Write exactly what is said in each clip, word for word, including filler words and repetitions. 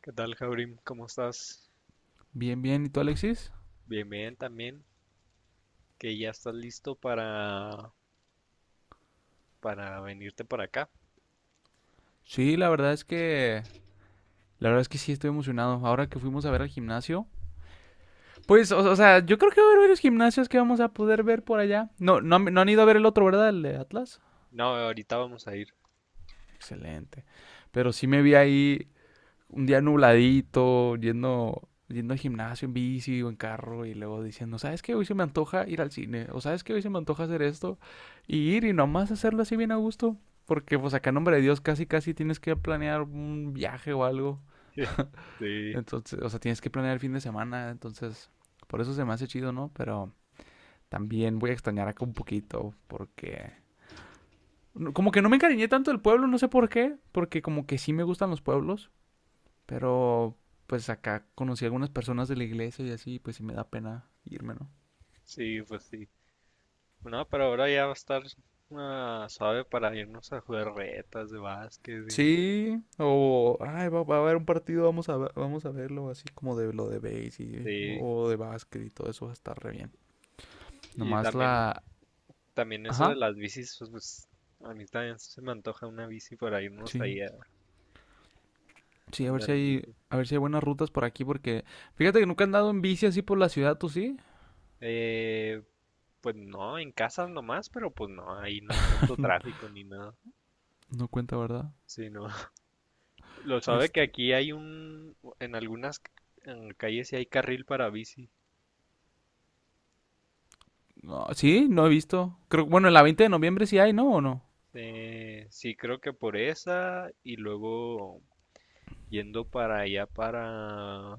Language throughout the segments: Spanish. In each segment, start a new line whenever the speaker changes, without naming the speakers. ¿Qué tal, Jaurim? ¿Cómo estás?
Bien, bien. ¿Y tú, Alexis?
Bien, bien también, que ya estás listo para, para venirte para acá.
Sí, la verdad es que, la verdad es que sí estoy emocionado. Ahora que fuimos a ver al gimnasio, pues, o, o sea, yo creo que va a haber varios gimnasios que vamos a poder ver por allá. No, no, han- no han ido a ver el otro, ¿verdad? El de Atlas.
No, ahorita vamos a ir.
Excelente. Pero sí me vi ahí un día nubladito, yendo, yendo al gimnasio en bici o en carro y luego diciendo, ¿sabes qué? Hoy se me antoja ir al cine. O ¿sabes qué? Hoy se me antoja hacer esto. Y ir y nomás hacerlo así bien a gusto. Porque pues acá, en nombre de Dios, casi casi tienes que planear un viaje o algo.
Sí,
Entonces, o sea, tienes que planear el fin de semana. Entonces, por eso se me hace chido, ¿no? Pero también voy a extrañar acá un poquito porque... no- Como que no me encariñé tanto del pueblo, no sé por qué. Porque como que sí me gustan los pueblos. Pero pues acá conocí a algunas personas de la iglesia y así, pues sí me da pena irme, ¿no?
sí, pues sí. No, pero ahora ya va a estar ah, suave para irnos a jugar retas de básquet y,
Sí, o ay, va, va a haber un partido, vamos a, vamos a verlo así como de lo de base y-
sí.
o de básquet y todo eso va a estar re bien.
Y
Nomás
también,
la...
también eso de
Ajá.
las bicis, pues, pues, a mí también se me antoja una bici para irnos
Sí.
ahí a
Sí, a ver
andar
si
en
hay,
bici.
a ver si hay buenas rutas por aquí, porque fíjate que nunca he andado en bici así por la ciudad, ¿tú sí?
Eh, pues no, en casa nomás, pero pues no, ahí no hay tanto tráfico ni nada.
No cuenta, ¿verdad?
Sí, no. Lo sabe que
Este,
aquí hay un, en algunas en calles sí hay carril para bici.
no, sí, no he visto. Creo, bueno, en la veinte de noviembre sí hay, ¿no? ¿O no?
Eh, sí, creo que por esa y luego yendo para allá para,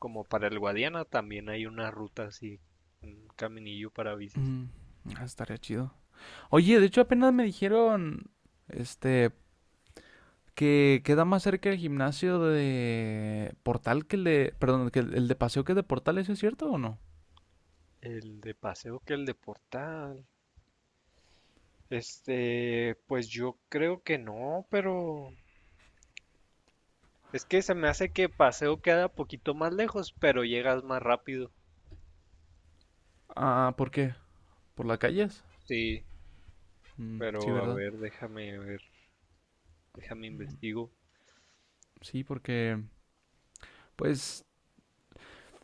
como para el Guadiana también hay una ruta así, un caminillo para bicis.
Mm, ah, estaría chido. Oye, de hecho apenas me dijeron, este, que queda más cerca el gimnasio de Portal que el de, perdón, que el, el de Paseo que el de Portal, ¿eso es cierto o no?
El de paseo que el de Portal. Este, pues yo creo que no, pero es que se me hace que paseo queda poquito más lejos, pero llegas más rápido.
Ah, ¿por qué? ¿Por las calles?
Sí,
Mm, sí,
pero a
¿verdad?
ver, déjame ver. Déjame investigo.
Sí, porque, pues,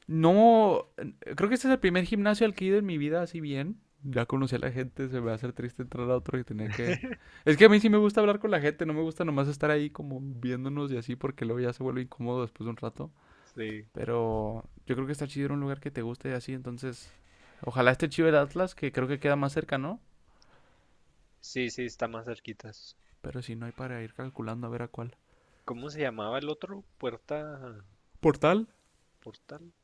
no, creo que este es el primer gimnasio al que he ido en mi vida así bien. Ya conocí a la gente, se me va a hacer triste entrar a otro y tener que... Es que a mí sí me gusta hablar con la gente, no me gusta nomás estar ahí como viéndonos y así porque luego ya se vuelve incómodo después de un rato.
Sí,
Pero yo creo que está chido ir a un lugar que te guste y así, entonces... Ojalá esté chido el Atlas, que creo que queda más cerca, ¿no?
sí, sí, está más cerquitas.
Pero si no hay para ir calculando a ver a cuál.
¿Cómo se llamaba el otro? Puerta,
Portal,
Portal,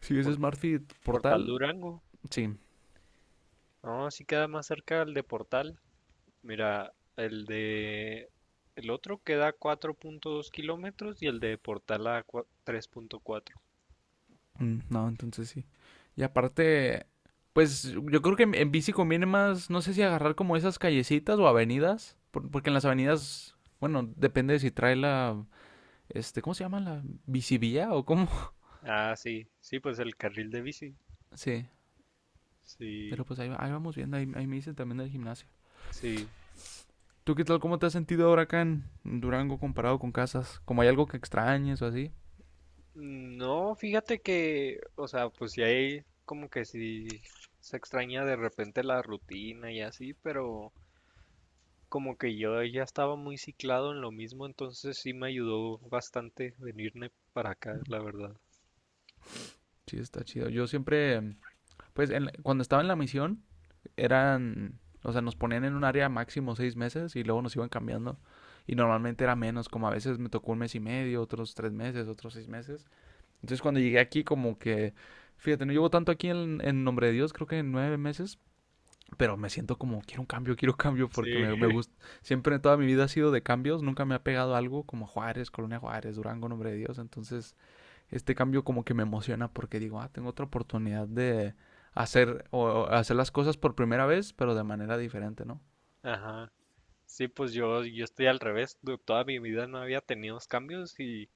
si es
Por-
Smartfit Portal,
Portal Durango.
sí.
No, sí queda más cerca el de Portal. Mira, el de el otro queda a cuatro punto dos kilómetros y el de Portal a cua- tres punto cuatro.
Mm, no, entonces sí. Y aparte, pues yo creo que en, en bici conviene más, no sé si agarrar como esas callecitas o avenidas, por- porque en las avenidas, bueno, depende de si trae la, este, ¿cómo se llama? La bicivía o cómo.
Ah, sí, sí, pues el carril de bici.
Sí,
Sí,
pero pues ahí, va- ahí vamos viendo, ahí, ahí me dicen también del gimnasio.
sí.
¿Tú qué tal, cómo te has sentido ahora acá en en Durango comparado con Casas? ¿Como hay algo que extrañes o así?
No, fíjate que, o sea, pues sí hay como que sí se extraña de repente la rutina y así, pero como que yo ya estaba muy ciclado en lo mismo, entonces sí me ayudó bastante venirme para acá, la verdad.
Sí, está chido. Yo siempre, pues en la- cuando estaba en la misión, eran, o sea, nos ponían en un área máximo seis meses y luego nos iban cambiando. Y normalmente era menos, como a veces me tocó un mes y medio, otros tres meses, otros seis meses. Entonces cuando llegué aquí como que, fíjate, no llevo tanto aquí en, en nombre de Dios, creo que en nueve meses, pero me siento como, quiero un cambio, quiero cambio porque
Sí.
me, me gusta. Siempre en toda mi vida ha sido de cambios, nunca me ha pegado algo como Juárez, Colonia Juárez, Durango, nombre de Dios. Entonces este cambio como que me emociona porque digo, ah, tengo otra oportunidad de hacer o hacer las cosas por primera vez, pero de manera diferente, ¿no?
Ajá. Sí, pues yo, yo estoy al revés, du- toda mi vida no había tenido cambios y,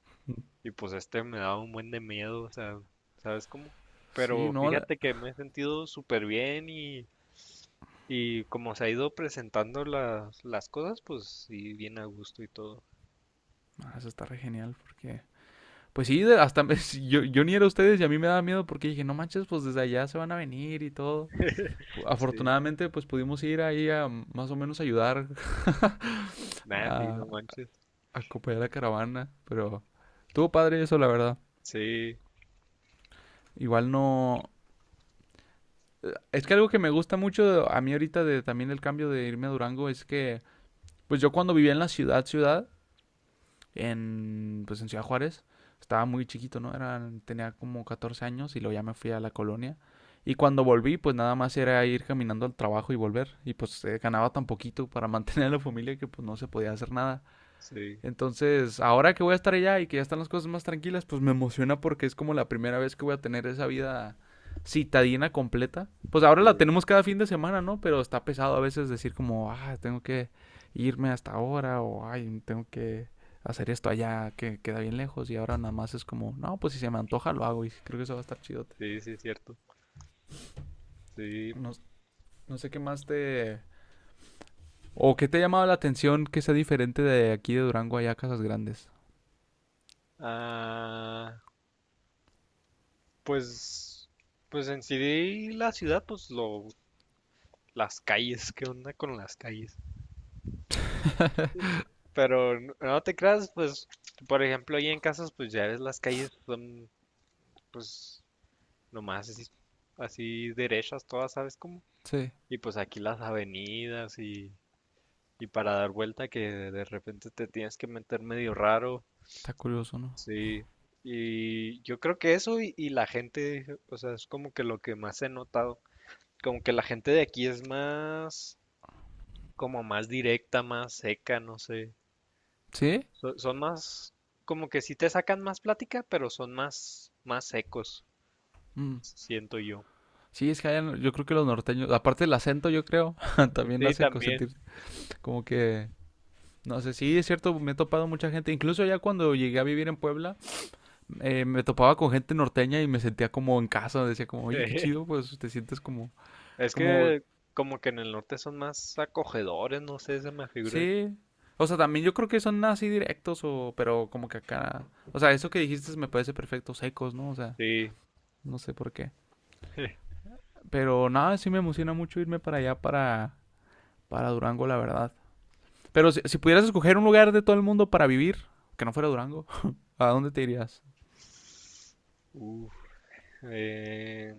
y pues este me daba un buen de miedo, o sea, ¿sabes cómo?
Sí,
Pero
no, la-
fíjate que me he sentido súper bien y Y como se ha ido presentando las, las cosas, pues sí, bien a gusto y todo.
ah, eso está re genial porque pues sí, hasta sí, yo, yo ni era ustedes y a mí me daba miedo porque dije, no manches, pues desde allá se van a venir y todo.
Sí,
Afortunadamente, pues pudimos ir ahí a mm, más o menos ayudar
nada, sí,
a
no manches.
a acompañar la caravana, pero estuvo padre eso, la verdad.
Sí,
Igual no, es que algo que me gusta mucho a mí ahorita de también el cambio de irme a Durango es que, pues yo cuando vivía en la ciudad, ciudad, en, pues en Ciudad Juárez, estaba muy chiquito, ¿no? Era, tenía como catorce años y luego ya me fui a la colonia. Y cuando volví, pues nada más era ir caminando al trabajo y volver. Y pues eh, ganaba tan poquito para mantener a la familia que pues no se podía hacer nada.
sí,
Entonces, ahora que voy a estar allá y que ya están las cosas más tranquilas, pues me emociona porque es como la primera vez que voy a tener esa vida citadina completa. Pues ahora la
sí,
tenemos cada fin de semana, ¿no? Pero está pesado a veces decir como, ah, tengo que irme hasta ahora o, ay, tengo que hacer esto allá que queda bien lejos y ahora nada más es como, no, pues si se me antoja lo hago y sí, creo que eso va a estar chidote.
sí, sí, es cierto. Sí.
No, no sé qué más te... ¿O qué te ha llamado la atención que sea diferente de aquí de Durango allá a Casas Grandes?
Ah, pues, pues en sí la ciudad, pues lo, las calles, ¿qué onda con las calles? Pero n- no te creas, pues, por ejemplo, ahí en casas, pues ya ves las calles son, pues, nomás así, así derechas todas, ¿sabes cómo?
Sí,
Y pues aquí las avenidas y Y para dar vuelta que de repente te tienes que meter medio raro.
está curioso, ¿no?
Sí. Y yo creo que eso y, y la gente, o sea, es como que lo que más he notado. Como que la gente de aquí es más, como más directa, más seca, no sé.
¿Sí?
So- son más, como que sí te sacan más plática, pero son más, más secos,
Mm.
siento yo.
Sí, es que allá no- yo creo que los norteños, aparte del acento, yo creo, también
Sí,
hace co-
también.
sentir como que, no sé, sí, es cierto, me he topado mucha gente, incluso ya cuando llegué a vivir en Puebla, eh, me topaba con gente norteña y me sentía como en casa, decía como, oye, qué chido, pues te sientes como,
Es
como,
que como que en el norte son más acogedores, no sé, se me figura que...
sí, o sea, también yo creo que son así directos o, pero como que acá, o sea, eso que dijiste me parece perfecto, secos, ¿no? O sea,
Sí.
no sé por qué, pero nada, sí me emociona mucho irme para allá, para, para Durango, la verdad. Pero si, si pudieras escoger un lugar de todo el mundo para vivir, que no fuera Durango, ¿a dónde te irías?
Uf. Eh,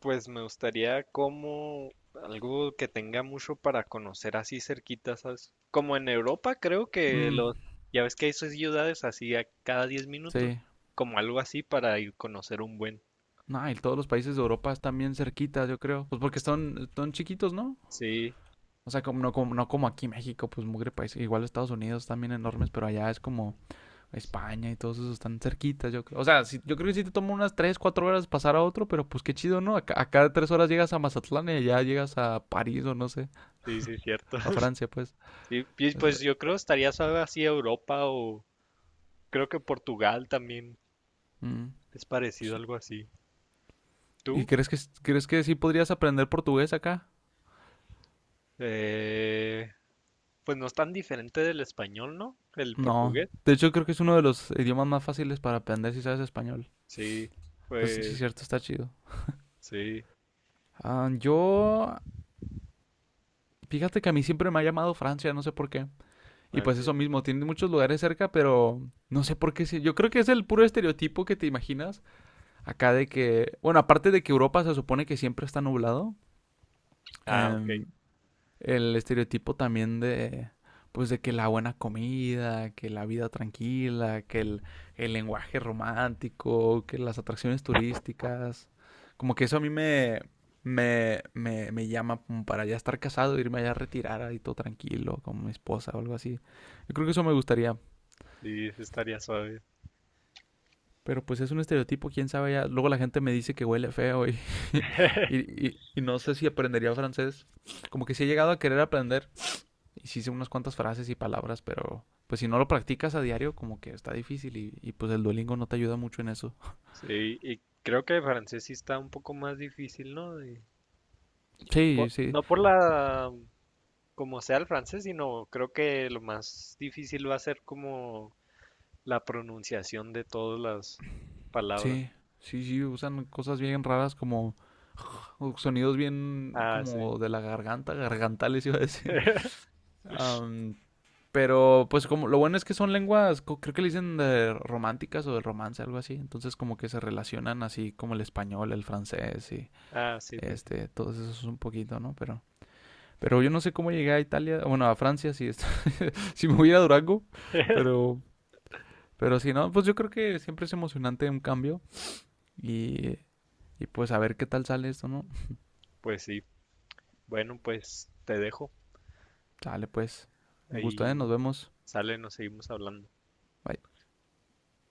pues me gustaría como algo que tenga mucho para conocer así cerquita, ¿sabes? Como en Europa, creo que
Mm,
los, ya ves que hay sus ciudades así a cada diez minutos,
sí.
como algo así para ir conocer un buen.
No, y todos los países de Europa están bien cerquitas, yo creo. Pues porque están, están chiquitos, ¿no?
Sí,
O sea, como, no, como, no como aquí México, pues mugre país. Igual Estados Unidos también enormes, pero allá es como España y todos esos están cerquitas, yo creo. O sea, sí- yo creo que sí te toma unas tres, cuatro horas pasar a otro, pero pues qué chido, ¿no? Acá, acá tres horas llegas a Mazatlán y allá llegas a París o no sé,
sí, sí, cierto.
a Francia, pues.
Sí, y
Eso,
pues yo creo estaría suave así Europa o creo que Portugal también
mm.
es parecido a algo así.
¿Y
¿Tú?
crees que, crees que sí podrías aprender portugués acá?
Eh, pues no es tan diferente del español, ¿no? El
No.
portugués.
De hecho, creo que es uno de los idiomas más fáciles para aprender si sabes español.
Sí,
Entonces, sí, es
pues
cierto, está chido.
sí,
Ah, yo, fíjate que a mí siempre me ha llamado Francia, no sé por qué. Y pues
Francia.
eso mismo, tiene muchos lugares cerca, pero no sé por qué. Sí. Yo creo que es el puro estereotipo que te imaginas acá de que, bueno, aparte de que Europa se supone que siempre está nublado,
Ah, ok.
em, el estereotipo también de pues de que la buena comida, que la vida tranquila, que el, el lenguaje romántico, que las atracciones turísticas, como que eso a mí me, me, me, me llama como para ya estar casado, irme allá a retirar ahí todo tranquilo, con mi esposa o algo así. Yo creo que eso me gustaría,
Sí, ese estaría suave.
pero pues es un estereotipo, quién sabe ya. Luego la gente me dice que huele feo y, y, y- y no sé si aprendería francés. Como que sí he llegado a querer aprender, y sí sé unas cuantas frases y palabras, pero pues si no lo practicas a diario, como que está difícil y, y pues el Duolingo no te ayuda mucho en eso.
Sí, y creo que francés sí está un poco más difícil, ¿no? De-
Sí,
po-
sí,
no por la, como sea el francés, sino creo que lo más difícil va a ser como la pronunciación de todas las palabras.
sí. Sí, sí, usan cosas bien raras como sonidos bien
Ah, sí.
como de la garganta, gargantales iba a decir. Am, pero pues como lo bueno es que son lenguas, creo que le dicen de románticas o de romance, algo así. Entonces como que se relacionan así como el español, el francés y
Ah, sí, pues sí.
este, todos esos un poquito, ¿no? Pero, pero yo no sé cómo llegué a Italia, bueno, a Francia, sí, si me voy a ir a Durango, pero, pero si no, pues yo creo que siempre es emocionante un cambio y, y pues a ver qué tal sale esto, ¿no?
Pues sí. Bueno, pues te dejo.
Sale pues, un gusto, ¿eh?
Ahí
Nos vemos.
sale, nos seguimos hablando.
Bye.